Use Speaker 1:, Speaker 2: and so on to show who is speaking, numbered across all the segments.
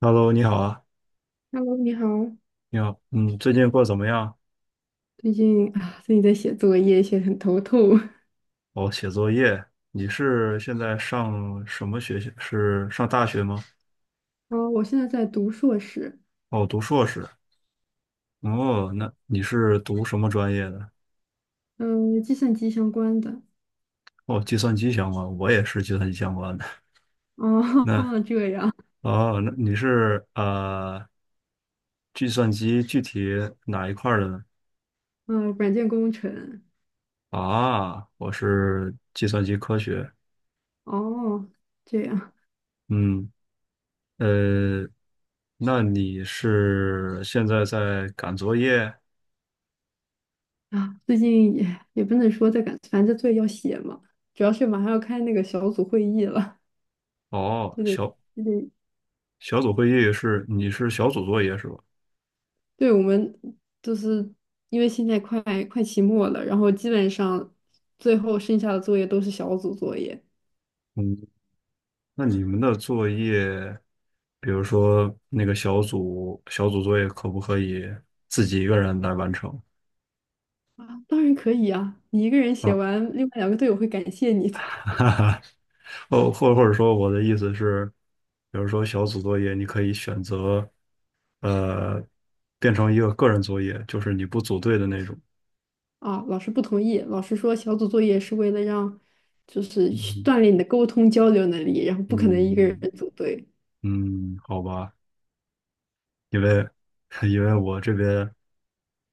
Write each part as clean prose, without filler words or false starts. Speaker 1: Hello，你好啊，
Speaker 2: Hello，你好。
Speaker 1: 你好，最近过得怎么样？
Speaker 2: 最近啊，最近在写作业，写得很头痛。
Speaker 1: 哦，写作业，你是现在上什么学校？是上大学吗？
Speaker 2: 啊，我现在在读硕士，
Speaker 1: 哦，读硕士。哦，那你是读什么专业的？
Speaker 2: 嗯，计算机相关的。
Speaker 1: 哦，计算机相关，我也是计算机相关的。
Speaker 2: 哦，
Speaker 1: 那
Speaker 2: 这样，
Speaker 1: 哦，那你是计算机具体哪一块儿的呢？
Speaker 2: 嗯，软件工程。
Speaker 1: 啊，我是计算机科学。
Speaker 2: 哦，这样
Speaker 1: 嗯，呃，那你是现在在赶作业？
Speaker 2: 啊，最近也不能说在赶，反正作业要写嘛。主要是马上要开那个小组会议了，
Speaker 1: 哦，
Speaker 2: 就得
Speaker 1: 小
Speaker 2: 就得，
Speaker 1: 小组会议是你是小组作业是吧？
Speaker 2: 对我们就是因为现在快期末了，然后基本上最后剩下的作业都是小组作业。
Speaker 1: 嗯，那你们的作业，比如说那个小组作业，可不可以自己一个人来完成
Speaker 2: 啊，当然可以啊，你一个人写
Speaker 1: 啊？
Speaker 2: 完，另外两个队友会感谢 你的。
Speaker 1: 哈哈，哦，或者说我的意思是，比如说小组作业，你可以选择呃变成一个个人作业，就是你不组队的那种。
Speaker 2: 啊，老师不同意，老师说小组作业是为了让，就是去
Speaker 1: 嗯
Speaker 2: 锻炼你的沟通交流能力，然后不可能一个人
Speaker 1: 嗯
Speaker 2: 组队。
Speaker 1: 嗯，好吧。因为 因为我这边，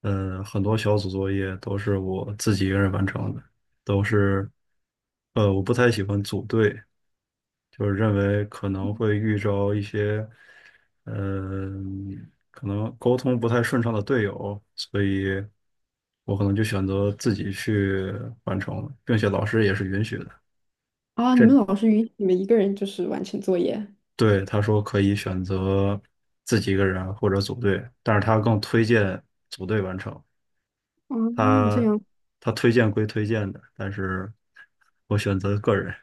Speaker 1: 很多小组作业都是我自己一个人完成的，都是，我不太喜欢组队，就是认为可能会遇着一些，呃，可能沟通不太顺畅的队友，所以我可能就选择自己去完成了，并且老师也是允许的。
Speaker 2: 啊，你
Speaker 1: 这
Speaker 2: 们老师允许你们一个人就是完成作业？
Speaker 1: 对，他说可以选择自己一个人或者组队，但是他更推荐组队完成。
Speaker 2: 啊，这
Speaker 1: 他
Speaker 2: 样。
Speaker 1: 他推荐归推荐的，但是我选择个人。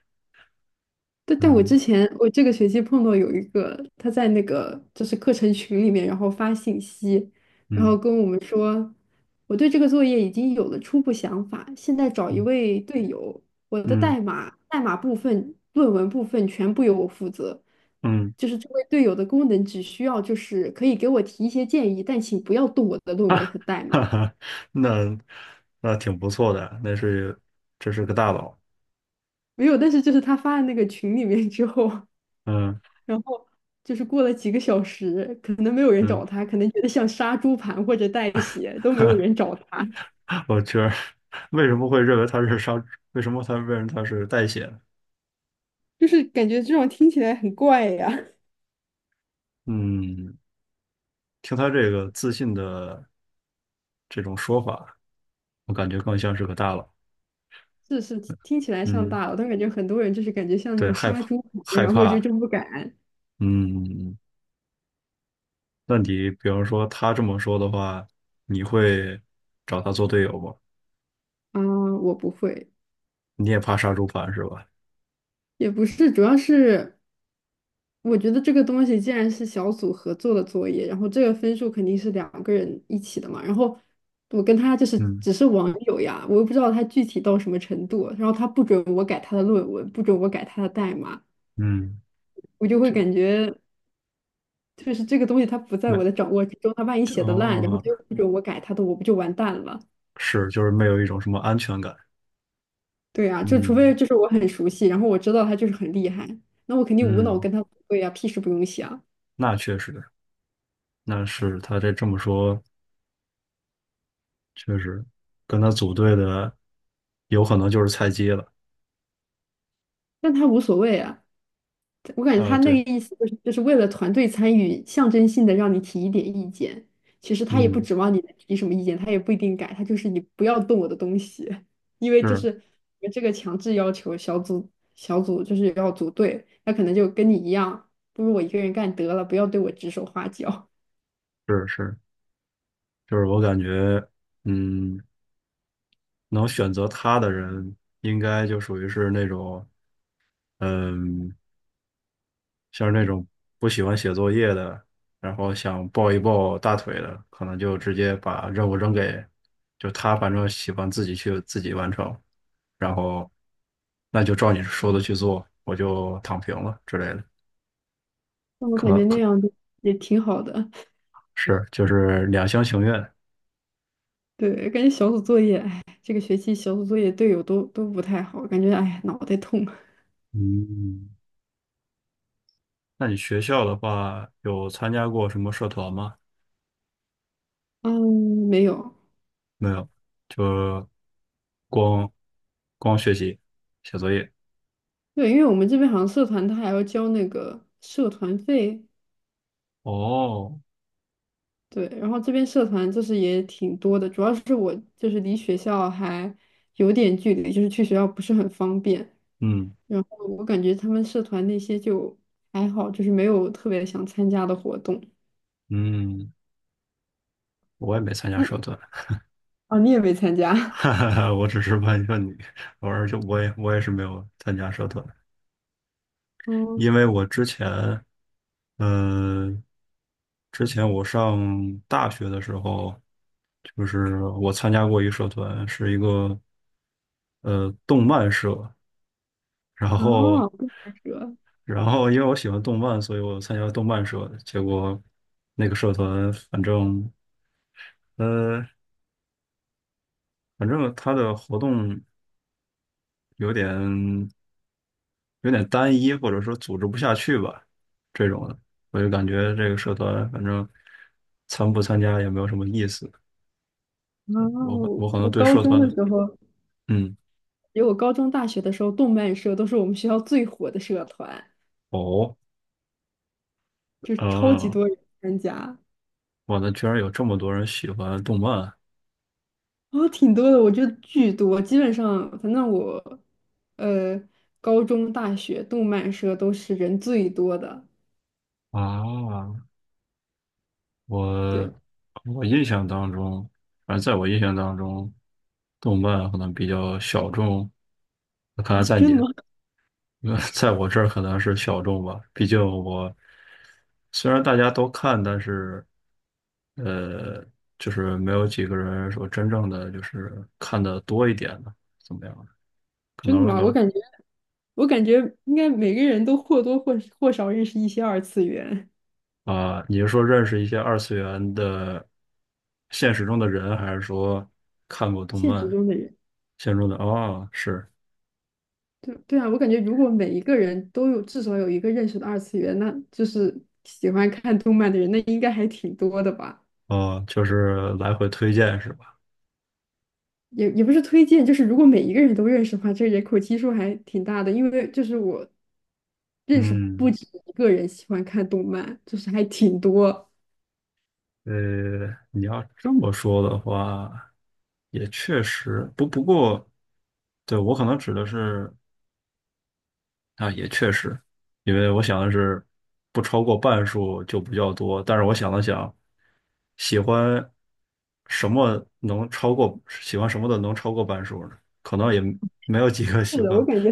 Speaker 2: 但但我之
Speaker 1: 嗯
Speaker 2: 前我这个学期碰到有一个，他在那个就是课程群里面，然后发信息，然后
Speaker 1: 嗯
Speaker 2: 跟我们说，我对这个作业已经有了初步想法，现在找一
Speaker 1: 嗯
Speaker 2: 位队友，我的
Speaker 1: 嗯
Speaker 2: 代码部分、论文部分全部由我负责，
Speaker 1: 嗯，
Speaker 2: 就是这位队友的功能只需要就是可以给我提一些建议，但请不要动我的论文和代 码。
Speaker 1: 哈哈，那那挺不错的，那是这是个大佬。
Speaker 2: 没有，但是就是他发的那个群里面之后。
Speaker 1: 嗯
Speaker 2: 然后就是过了几个小时，可能没有人
Speaker 1: 嗯，
Speaker 2: 找他，可能觉得像杀猪盘或者带血都没有人 找他。
Speaker 1: 我觉得为什么会认为他是商？为什么他认为他是代写？
Speaker 2: 就是感觉这种听起来很怪呀。
Speaker 1: 嗯，听他这个自信的这种说法，我感觉更像是个大佬。
Speaker 2: 是是，听起来像
Speaker 1: 嗯，
Speaker 2: 大佬，但感觉很多人就是感觉像那
Speaker 1: 对，
Speaker 2: 种杀猪盘，
Speaker 1: 害
Speaker 2: 然后就
Speaker 1: 怕。
Speaker 2: 真不敢
Speaker 1: 嗯。嗯嗯那你比方说他这么说的话，你会找他做队友吗？
Speaker 2: 啊，我不会，
Speaker 1: 你也怕杀猪盘是吧？
Speaker 2: 也不是，主要是我觉得这个东西既然是小组合作的作业，然后这个分数肯定是两个人一起的嘛。然后我跟他就是
Speaker 1: 嗯
Speaker 2: 只是网友呀，我又不知道他具体到什么程度。然后他不准我改他的论文，不准我改他的代码，
Speaker 1: 嗯，
Speaker 2: 我就会
Speaker 1: 这
Speaker 2: 感觉就是这个东西他不在我
Speaker 1: 没
Speaker 2: 的掌握之中。他万一
Speaker 1: 这
Speaker 2: 写的烂，然后
Speaker 1: 哦，
Speaker 2: 他又不准我改他的，我不就完蛋了？
Speaker 1: 是就是没有一种什么安全感。
Speaker 2: 对啊，就除非
Speaker 1: 嗯
Speaker 2: 就是我很熟悉，然后我知道他就是很厉害，那我肯定无脑
Speaker 1: 嗯，
Speaker 2: 跟他对呀，屁事不用想，
Speaker 1: 那确实，那是他这么说，确实跟他组队的有可能就是菜鸡了。
Speaker 2: 但他无所谓啊。我感觉
Speaker 1: 啊，
Speaker 2: 他
Speaker 1: 对，
Speaker 2: 那个意思就是为了团队参与，象征性的让你提一点意见。其实他也不
Speaker 1: 嗯，
Speaker 2: 指望你能提什么意见，他也不一定改，他就是你不要动我的东西，因为就
Speaker 1: 是
Speaker 2: 是这个强制要求小组就是要组队，他可能就跟你一样，不如我一个人干得了，不要对我指手画脚。
Speaker 1: 是是，就是我感觉，嗯，能选择他的人应该就属于是那种。嗯，像那种不喜欢写作业的，然后想抱一抱大腿的，可能就直接把任务扔给，就他反正喜欢自己去自己完成，然后那就照你说的去做，我就躺平了之类的，
Speaker 2: 那我
Speaker 1: 可
Speaker 2: 感
Speaker 1: 能
Speaker 2: 觉那
Speaker 1: 可
Speaker 2: 样子也挺好的。
Speaker 1: 是就是两厢情愿。
Speaker 2: 对，感觉小组作业，哎，这个学期小组作业队友都不太好，感觉哎呀脑袋痛。
Speaker 1: 嗯，那你学校的话有参加过什么社团吗？
Speaker 2: 嗯，没有，
Speaker 1: 没有，就光光学习写作业。
Speaker 2: 对，因为我们这边好像社团他还要交那个社团费，
Speaker 1: 哦，
Speaker 2: 对，然后这边社团就是也挺多的，主要是我就是离学校还有点距离，就是去学校不是很方便，
Speaker 1: 嗯
Speaker 2: 然后我感觉他们社团那些就还好，就是没有特别想参加的活动。
Speaker 1: 嗯。我也没参加
Speaker 2: 那
Speaker 1: 社团，
Speaker 2: 哦，你也没参加？
Speaker 1: 哈 哈哈，我只是问一问你，偶尔就我也是没有参加社团，
Speaker 2: 嗯，
Speaker 1: 因为我之前，呃，之前我上大学的时候，就是我参加过一个社团，是一个动漫社，然后
Speaker 2: 哦，动漫社，
Speaker 1: 然后因为我喜欢动漫，所以我参加了动漫社，结果那个社团反正呃反正他的活动有点。有点单一，或者说组织不下去吧，这种的，我就感觉这个社团反正参不参加也没有什么意思。
Speaker 2: 哦，我
Speaker 1: 我可能
Speaker 2: 我
Speaker 1: 对
Speaker 2: 高
Speaker 1: 社
Speaker 2: 中
Speaker 1: 团
Speaker 2: 的
Speaker 1: 的，
Speaker 2: 时候，
Speaker 1: 嗯，
Speaker 2: 因为我高中、大学的时候，动漫社都是我们学校最火的社团，
Speaker 1: 哦，
Speaker 2: 就是超级
Speaker 1: 啊，
Speaker 2: 多人参加。
Speaker 1: 我的居然有这么多人喜欢动漫
Speaker 2: 哦，挺多的，我觉得巨多，基本上，反正我，呃，高中、大学动漫社都是人最多的。
Speaker 1: 啊！我
Speaker 2: 对
Speaker 1: 我印象当中，反正在我印象当中，动漫可能比较小众。看来
Speaker 2: 啊，
Speaker 1: 在
Speaker 2: 真
Speaker 1: 你
Speaker 2: 的吗？
Speaker 1: 在我这儿可能是小众吧，毕竟我虽然大家都看，但是呃，就是没有几个人说真正的就是看的多一点的，怎么样？可
Speaker 2: 真的
Speaker 1: 能
Speaker 2: 吗？我
Speaker 1: 能
Speaker 2: 感觉，我感觉应该每个人都或多或少认识一些二次元，
Speaker 1: 啊、你是说认识一些二次元的现实中的人，还是说看过动
Speaker 2: 现
Speaker 1: 漫
Speaker 2: 实中的人。
Speaker 1: 现实中的？哦，是
Speaker 2: 对对啊，我感觉如果每一个人都有至少有一个认识的二次元，那就是喜欢看动漫的人，那应该还挺多的吧。
Speaker 1: 哦，就是来回推荐是吧？
Speaker 2: 也不是推荐，就是如果每一个人都认识的话，这个人口基数还挺大的。因为就是我认识不
Speaker 1: 嗯，
Speaker 2: 止一个人喜欢看动漫，就是还挺多。
Speaker 1: 你要这么说的话，也确实，不过，对，我可能指的是啊，也确实，因为我想的是不超过半数就比较多，但是我想了想，喜欢什么能超过，喜欢什么的能超过半数呢？可能也没有几个喜
Speaker 2: 是的，我
Speaker 1: 欢。
Speaker 2: 感觉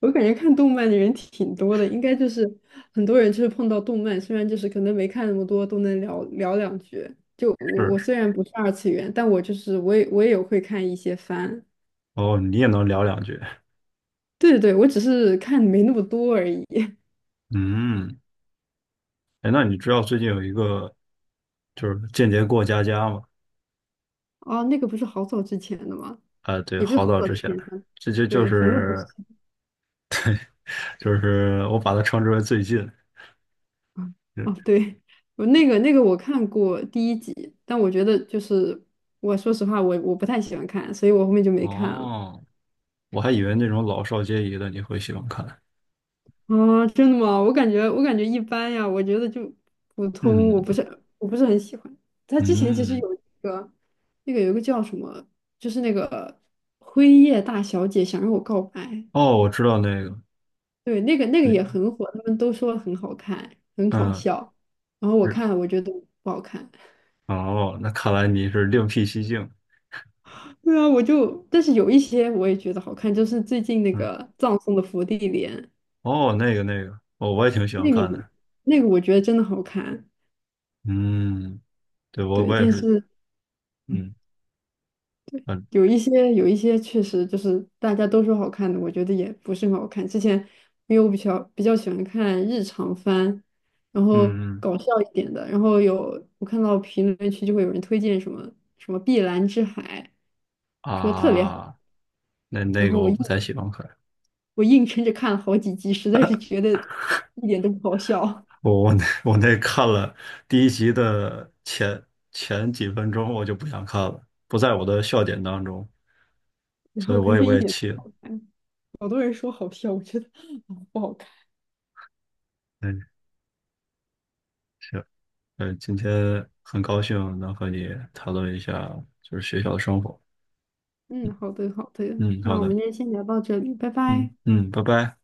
Speaker 2: 我感觉看动漫的人挺多的，应该就是很多人就是碰到动漫，虽然就是可能没看那么多，都能聊聊两句。就我
Speaker 1: 是，
Speaker 2: 我虽然不是二次元，但我就是我也有会看一些番。
Speaker 1: 哦，你也能聊两句。
Speaker 2: 对对对，我只是看没那么多而已。
Speaker 1: 嗯，哎，那你知道最近有一个就是间谍过家家吗？
Speaker 2: 哦，那个不是好早之前的吗？
Speaker 1: 啊、对，
Speaker 2: 也不是
Speaker 1: 好
Speaker 2: 好
Speaker 1: 早
Speaker 2: 早
Speaker 1: 之
Speaker 2: 之
Speaker 1: 前，
Speaker 2: 前的，
Speaker 1: 这就就
Speaker 2: 对，反正不是，
Speaker 1: 是就是我把它称之为最近。
Speaker 2: 啊。
Speaker 1: 嗯
Speaker 2: 哦，对，我那个那个我看过第一集，但我觉得就是我说实话，我不太喜欢看，所以我后面就没看了。
Speaker 1: 哦，我还以为那种老少皆宜的你会喜欢看。
Speaker 2: 啊，真的吗？我感觉一般呀，我觉得就普通，我
Speaker 1: 嗯
Speaker 2: 不是我不是很喜欢。他之前其实
Speaker 1: 嗯，
Speaker 2: 有一个那个有一个叫什么，就是那个辉夜大小姐想让我告白，
Speaker 1: 哦，我知道那个，
Speaker 2: 对，那个那个也
Speaker 1: 你
Speaker 2: 很火，他们都说很好看，很好
Speaker 1: 嗯
Speaker 2: 笑。然后我
Speaker 1: 是
Speaker 2: 看了，我觉得不好看。
Speaker 1: 哦，那看来你是另辟蹊径。
Speaker 2: 对啊，我就，但是有一些我也觉得好看，就是最近那
Speaker 1: 嗯，
Speaker 2: 个葬送的芙莉莲，
Speaker 1: 哦，那个那个，哦，我也挺喜欢
Speaker 2: 那
Speaker 1: 看
Speaker 2: 个
Speaker 1: 的。
Speaker 2: 那个我觉得真的好看，
Speaker 1: 嗯，对，
Speaker 2: 对，
Speaker 1: 我也
Speaker 2: 但
Speaker 1: 是，
Speaker 2: 是
Speaker 1: 嗯嗯
Speaker 2: 有一些确实就是大家都说好看的，我觉得也不是很好看。之前因为我比较喜欢看日常番，然后
Speaker 1: 嗯嗯嗯
Speaker 2: 搞笑一点的，然后有我看到评论区就会有人推荐什么什么《碧蓝之海》，说特别好，
Speaker 1: 啊，那
Speaker 2: 然
Speaker 1: 那个
Speaker 2: 后我
Speaker 1: 我
Speaker 2: 硬
Speaker 1: 不太喜欢看。
Speaker 2: 我硬撑着看了好几集，实在是觉得一点都不好笑。
Speaker 1: 我那看了第一集的前几分钟，我就不想看了，不在我的笑点当中，
Speaker 2: 然
Speaker 1: 所
Speaker 2: 后
Speaker 1: 以
Speaker 2: 我感觉
Speaker 1: 我
Speaker 2: 一
Speaker 1: 也
Speaker 2: 点
Speaker 1: 气
Speaker 2: 都
Speaker 1: 了。
Speaker 2: 不好看，好多人说好笑，我觉得啊不好看。
Speaker 1: 嗯，行，今天很高兴能和你讨论一下就是学校的生活。
Speaker 2: 嗯，
Speaker 1: 嗯
Speaker 2: 好的好的，
Speaker 1: 嗯，好
Speaker 2: 那我
Speaker 1: 的，
Speaker 2: 们今天先聊到这里，拜
Speaker 1: 嗯
Speaker 2: 拜。
Speaker 1: 嗯，拜拜。